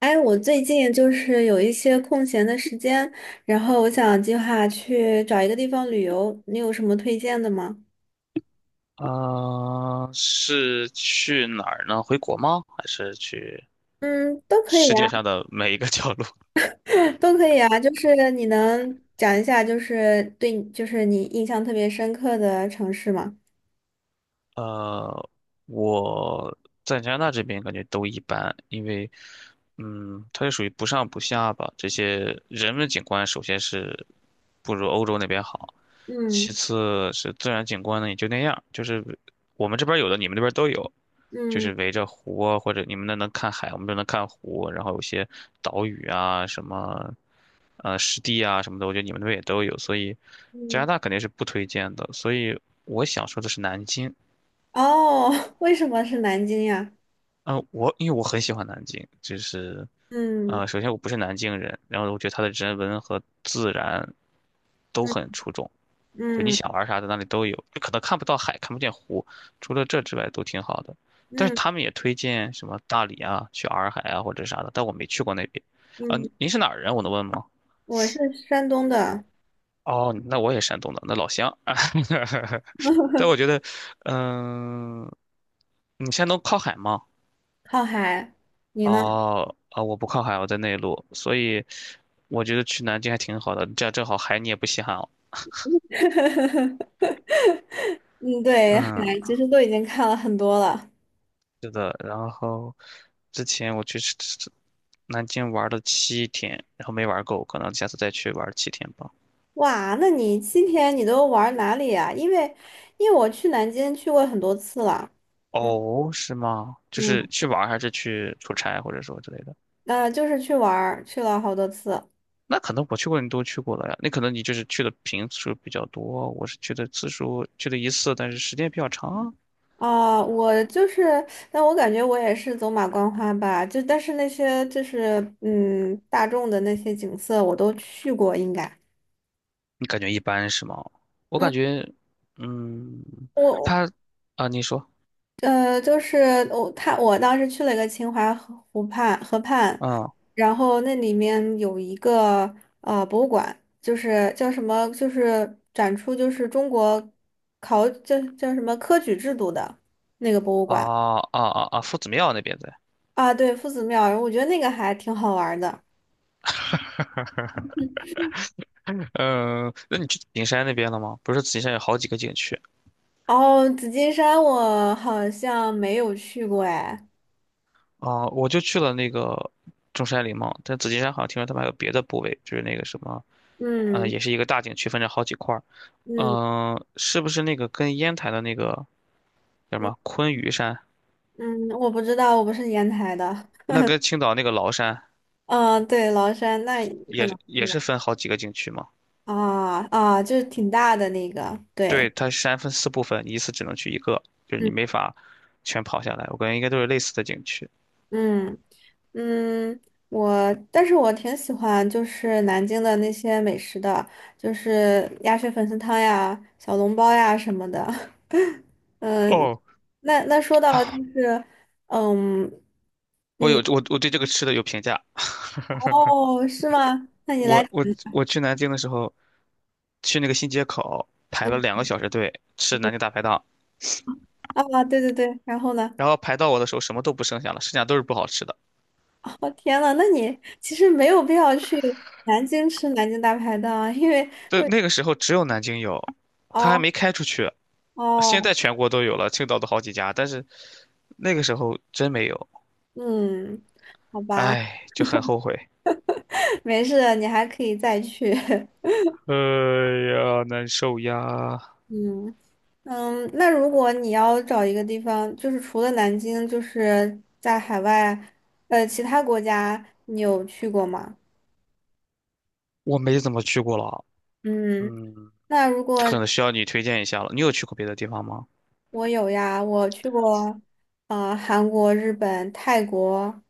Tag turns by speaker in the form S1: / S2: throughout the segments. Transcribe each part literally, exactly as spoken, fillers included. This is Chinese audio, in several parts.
S1: 哎，我最近就是有一些空闲的时间，然后我想计划去找一个地方旅游，你有什么推荐的吗？
S2: 啊、是去哪儿呢？回国吗？还是去
S1: 嗯，都可以
S2: 世
S1: 啊，
S2: 界上的每一个角落？
S1: 都可以啊，就是你能讲一下，就是对你，就是你印象特别深刻的城市吗？
S2: 呃，我在加拿大这边感觉都一般，因为，嗯，它是属于不上不下吧。这些人文景观首先是不如欧洲那边好，其
S1: 嗯
S2: 次是自然景观呢也就那样，就是我们这边有的，你们那边都有，就
S1: 嗯
S2: 是围着湖啊，或者你们那能看海，我们这能看湖，然后有些岛屿啊，什么呃湿地啊什么的，我觉得你们那边也都有，所以加
S1: 嗯。
S2: 拿大肯定是不推荐的。所以我想说的是南京。
S1: 哦，为什么是南京呀？
S2: 嗯，我因为我很喜欢南京，就是，
S1: 嗯
S2: 呃，首先我不是南京人，然后我觉得它的人文和自然都
S1: 嗯
S2: 很出众，就你
S1: 嗯
S2: 想玩啥在那里都有，就可能看不到海，看不见湖，除了这之外都挺好的。但是
S1: 嗯
S2: 他们也推荐什么大理啊，去洱海啊或者啥的，但我没去过那边。啊、
S1: 嗯。
S2: 您是哪儿人？我能问吗？
S1: 我是山东的，
S2: 哦，那我也山东的，那老乡。但我觉得，嗯、你山东靠海吗？
S1: 靠海，你呢？
S2: 哦，啊，我不靠海，我在内陆，所以我觉得去南京还挺好的，这样正好海你也不稀罕了。
S1: 嗯，对，海
S2: 嗯，
S1: 其实都已经看了很多了。
S2: 是的。然后之前我去南京玩了七天，然后没玩够，可能下次再去玩七天吧。
S1: 哇，那你七天你都玩哪里啊？因为，因为我去南京去过很多次了，嗯
S2: 哦，是吗？就是
S1: 嗯。
S2: 去玩儿还是去出差或者说之类的？
S1: 呃，就是去玩儿去了好多次。
S2: 那可能我去过你都去过了呀，那可能你就是去的频次数比较多，我是去的次数去的一次，但是时间比较长。
S1: 啊、我就是，但我感觉我也是走马观花吧，就但是那些就是嗯大众的那些景色我都去过，应该。
S2: 你感觉一般是吗？我
S1: 嗯，
S2: 感觉，嗯，
S1: 我
S2: 他啊，你说，
S1: 呃，就是我他我当时去了一个秦淮河湖畔河畔，
S2: 嗯，
S1: 然后那里面有一个呃博物馆，就是叫什么，就是展出就是中国考叫叫什么科举制度的那个博物
S2: 啊
S1: 馆。
S2: 啊啊啊，夫子庙那边在，
S1: 啊，对，夫子庙，我觉得那个还挺好玩儿的。
S2: 嗯，那你去景山那边了吗？不是紫金山有好几个景区
S1: 然后紫金山我好像没有去过哎，
S2: 啊，我就去了那个中山陵嘛，但紫金山好像听说他们还有别的部位，就是那个什么，呃，
S1: 嗯
S2: 也是一个大景区，分成好几块儿，
S1: 嗯
S2: 嗯，是不是那个跟烟台的那个叫什
S1: 嗯
S2: 么昆嵛山，
S1: 嗯。我不知道，我不是烟台的，
S2: 那跟青岛那个崂山
S1: 嗯，对，崂山那可
S2: 也
S1: 能。
S2: 是也是分好几个景区吗？
S1: 啊啊，就是挺大的那个，
S2: 对，
S1: 对，
S2: 它山分四部分，你一次只能去一个，就是你
S1: 嗯
S2: 没法全跑下来。我感觉应该都是类似的景区。
S1: 嗯嗯。我，但是我挺喜欢就是南京的那些美食的，就是鸭血粉丝汤呀、小笼包呀什么的。嗯，
S2: 哦，
S1: 那那说到就是，嗯
S2: 我有
S1: 嗯。
S2: 我我对这个吃的有评价。
S1: 哦，是吗？那你
S2: 我
S1: 来，
S2: 我我去南京的时候，去那个新街口排了两
S1: 嗯
S2: 个小时队吃
S1: 嗯
S2: 南京大排档，
S1: 啊，对对对，然后呢？
S2: 然后排到我的时候什么都不剩下了，剩下都是不好吃的。
S1: 哦，天呐，那你其实没有必要去南京吃南京大排档啊，因为
S2: 对，那个时候只有南京有，它还
S1: 哦
S2: 没开出去。现
S1: 哦。
S2: 在全国都有了，青岛都好几家，但是那个时候真没有，
S1: 嗯，好吧。
S2: 哎，就很后悔。
S1: 没事的你还可以再去。
S2: 哎呀，难受呀！
S1: 嗯嗯，那如果你要找一个地方，就是除了南京，就是在海外，呃，其他国家你有去过吗？
S2: 我没怎么去过了，
S1: 嗯，
S2: 嗯，
S1: 那如果
S2: 可能需要你推荐一下了。你有去过别的地方吗？
S1: 我有呀，我去过，呃，韩国、日本、泰国，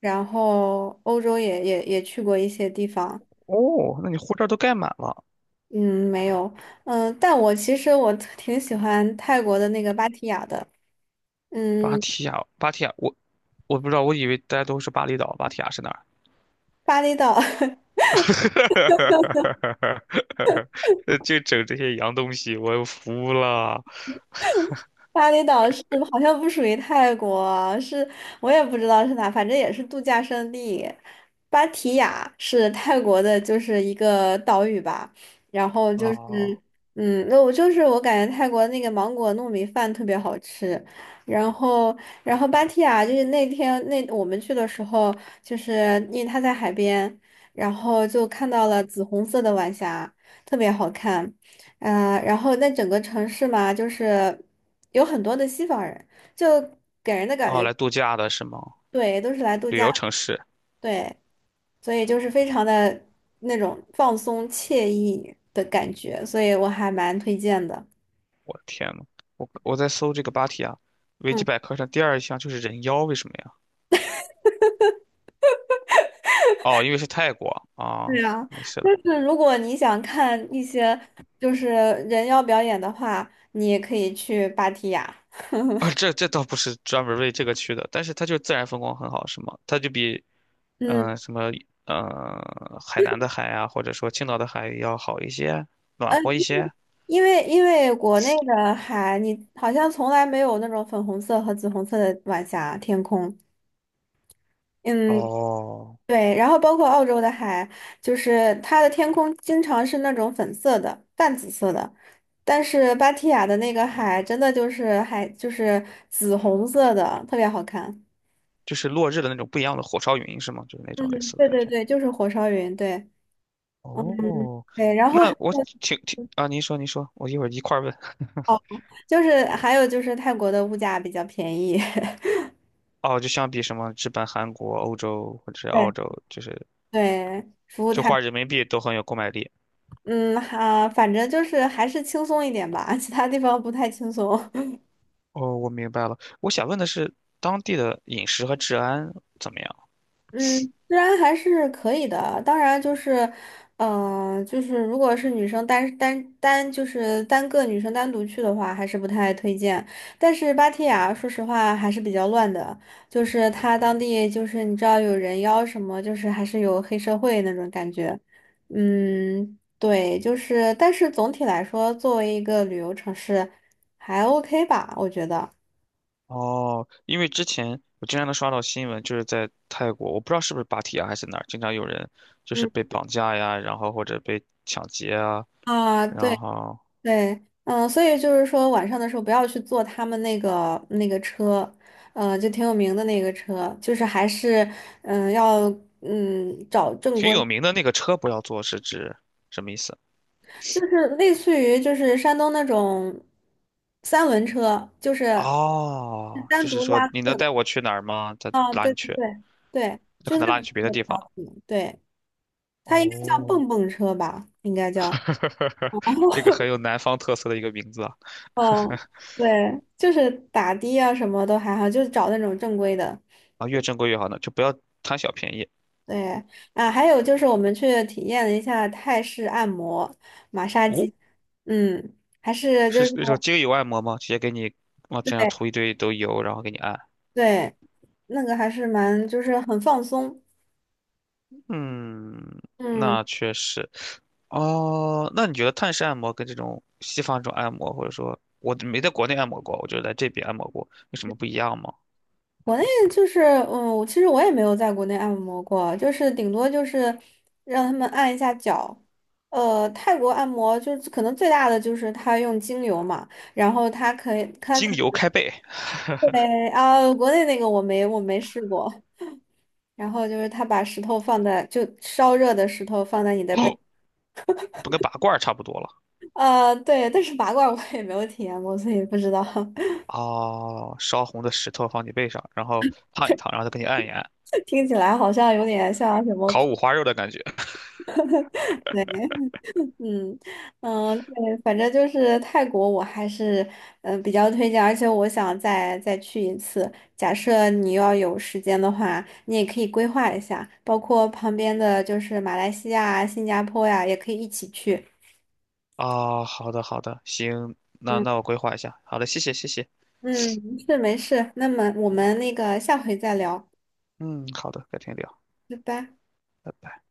S1: 然后欧洲也也也去过一些地方。
S2: 哦，那你护照都盖满了。
S1: 嗯，没有，嗯，但我其实我 挺喜欢泰国的那个芭提雅的。
S2: 芭
S1: 嗯，
S2: 提雅，芭提雅，我我不知道，我以为大家都是巴厘岛，芭提雅是哪儿？
S1: 巴厘岛。
S2: 呃就整这些洋东西，我服了。
S1: 巴厘岛是好像不属于泰国，是我也不知道是哪，反正也是度假胜地。芭提雅是泰国的，就是一个岛屿吧。然后就
S2: 啊
S1: 是，嗯，那我就是我感觉泰国那个芒果糯米饭特别好吃。然后，然后芭提雅就是那天那我们去的时候，就是因为它在海边，然后就看到了紫红色的晚霞，特别好看。呃，然后那整个城市嘛，就是有很多的西方人，就给人的感
S2: 啊，
S1: 觉，
S2: 来度假的是吗？
S1: 对，都是来度
S2: 旅
S1: 假，
S2: 游城市，
S1: 对，所以就是非常的那种放松惬意的感觉，所以我还蛮推荐的。
S2: 我的天呐，我我在搜这个芭提雅，维基
S1: 嗯，
S2: 百科上第二项就是人妖，为什么呀？哦，因为是泰国啊，
S1: 对啊，
S2: 没事
S1: 就
S2: 的。
S1: 是如果你想看一些就是人妖表演的话，你也可以去芭提雅。
S2: 啊，这这倒不是专门为这个去的，但是它就自然风光很好，是吗？它就比嗯、
S1: 嗯，
S2: 呃什么呃海南的海啊，或者说青岛的海要好一些，暖
S1: 呃，
S2: 和一
S1: 因为
S2: 些。
S1: 因为因为国内的海，你好像从来没有那种粉红色和紫红色的晚霞天空。嗯，
S2: 哦，
S1: 对，然后包括澳洲的海，就是它的天空经常是那种粉色的、淡紫色的，但是芭提雅的那个海真的就是海，就是紫红色的，特别好看。
S2: 就是落日的那种不一样的火烧云，是吗？就是那种类
S1: 嗯，
S2: 似的
S1: 对
S2: 感
S1: 对
S2: 觉。
S1: 对，就是火烧云，对
S2: 哦，
S1: 对，然后还
S2: 那我
S1: 有
S2: 听听啊，您说您说，我一会儿一块儿问。
S1: 哦，就是还有就是泰国的物价比较便宜。
S2: 哦，就相比什么日本、韩国、欧洲或者是澳
S1: 对
S2: 洲，就是
S1: 对，服务
S2: 就
S1: 态，
S2: 花人民币都很有购买力。
S1: 嗯啊，反正就是还是轻松一点吧，其他地方不太轻松。
S2: 哦，我明白了。我想问的是，当地的饮食和治安怎么样？
S1: 嗯，虽然还是可以的啊。当然，就是，呃，就是如果是女生单单单就是单个女生单独去的话，还是不太推荐。但是芭提雅，说实话还是比较乱的，就是它当地就是你知道有人妖什么，就是还是有黑社会那种感觉。嗯，对，就是，但是总体来说，作为一个旅游城市，还 OK 吧，我觉得。
S2: 哦，因为之前我经常能刷到新闻，就是在泰国，我不知道是不是芭提雅还是哪儿，经常有人就是
S1: 嗯
S2: 被绑架呀，然后或者被抢劫啊，
S1: 啊，
S2: 然
S1: 对。
S2: 后
S1: 对，嗯，所以就是说晚上的时候不要去坐他们那个那个车，嗯，就挺有名的那个车，就是还是嗯要嗯找正
S2: 挺
S1: 规，
S2: 有名的那个车不要坐是指什么意思？
S1: 就是类似于就是山东那种三轮车，就是
S2: 哦，就
S1: 单
S2: 是
S1: 独
S2: 说
S1: 拉
S2: 你
S1: 客
S2: 能
S1: 的
S2: 带我去哪儿吗？他
S1: 啊，
S2: 拉
S1: 对
S2: 你
S1: 对
S2: 去，
S1: 对对，
S2: 他
S1: 就
S2: 可
S1: 是
S2: 能
S1: 那
S2: 拉你
S1: 种
S2: 去别的
S1: 车比
S2: 地
S1: 较
S2: 方。
S1: 可能对，它应该叫
S2: 哦，
S1: 蹦蹦车吧，应该叫。
S2: 这个 很有南方特色的一个名字啊，
S1: 嗯，对，就是打的啊，什么都还好，就是找那种正规的。
S2: 啊，越正规越好呢，就不要贪小便宜。
S1: 对啊，还有就是我们去体验了一下泰式按摩、马杀
S2: 哦，
S1: 鸡，嗯，还是就是
S2: 是那种精油按摩吗？直接给你往身上
S1: 对
S2: 涂一堆都油，然后给你按。
S1: 对，那个还是蛮就是很放松，
S2: 嗯，
S1: 嗯，
S2: 那确实。哦，那你觉得泰式按摩跟这种西方这种按摩，或者说我没在国内按摩过，我就在这边按摩过，有什么不一样吗？
S1: 国内就是嗯，我其实我也没有在国内按摩过，就是顶多就是让他们按一下脚，呃，泰国按摩就是可能最大的就是他用精油嘛，然后他可以他
S2: 精
S1: 可
S2: 油开背，
S1: 对啊，国内那个我没我没试过，然后就是他把石头放在，就烧热的石头放在你的背，
S2: 不跟拔罐儿差不多了。
S1: 呃，对，但是拔罐我也没有体验过，所以不知道。
S2: 哦，烧红的石头放你背上，然后烫一烫，然后再给你按一按，
S1: 听起来好像有点像什么
S2: 烤
S1: 苦，
S2: 五花肉的感觉。
S1: 对，嗯嗯，对，反正就是泰国，我还是嗯、呃比较推荐，而且我想再再去一次。假设你要有时间的话，你也可以规划一下，包括旁边的就是马来西亚啊新加坡呀、也可以一起去。
S2: 啊、好的好的，行，那
S1: 嗯
S2: 那我规划一下。好的，谢谢谢谢。
S1: 嗯，是没事，那么我们那个下回再聊。
S2: 嗯，好的，改天聊。
S1: 拜拜。
S2: 拜拜。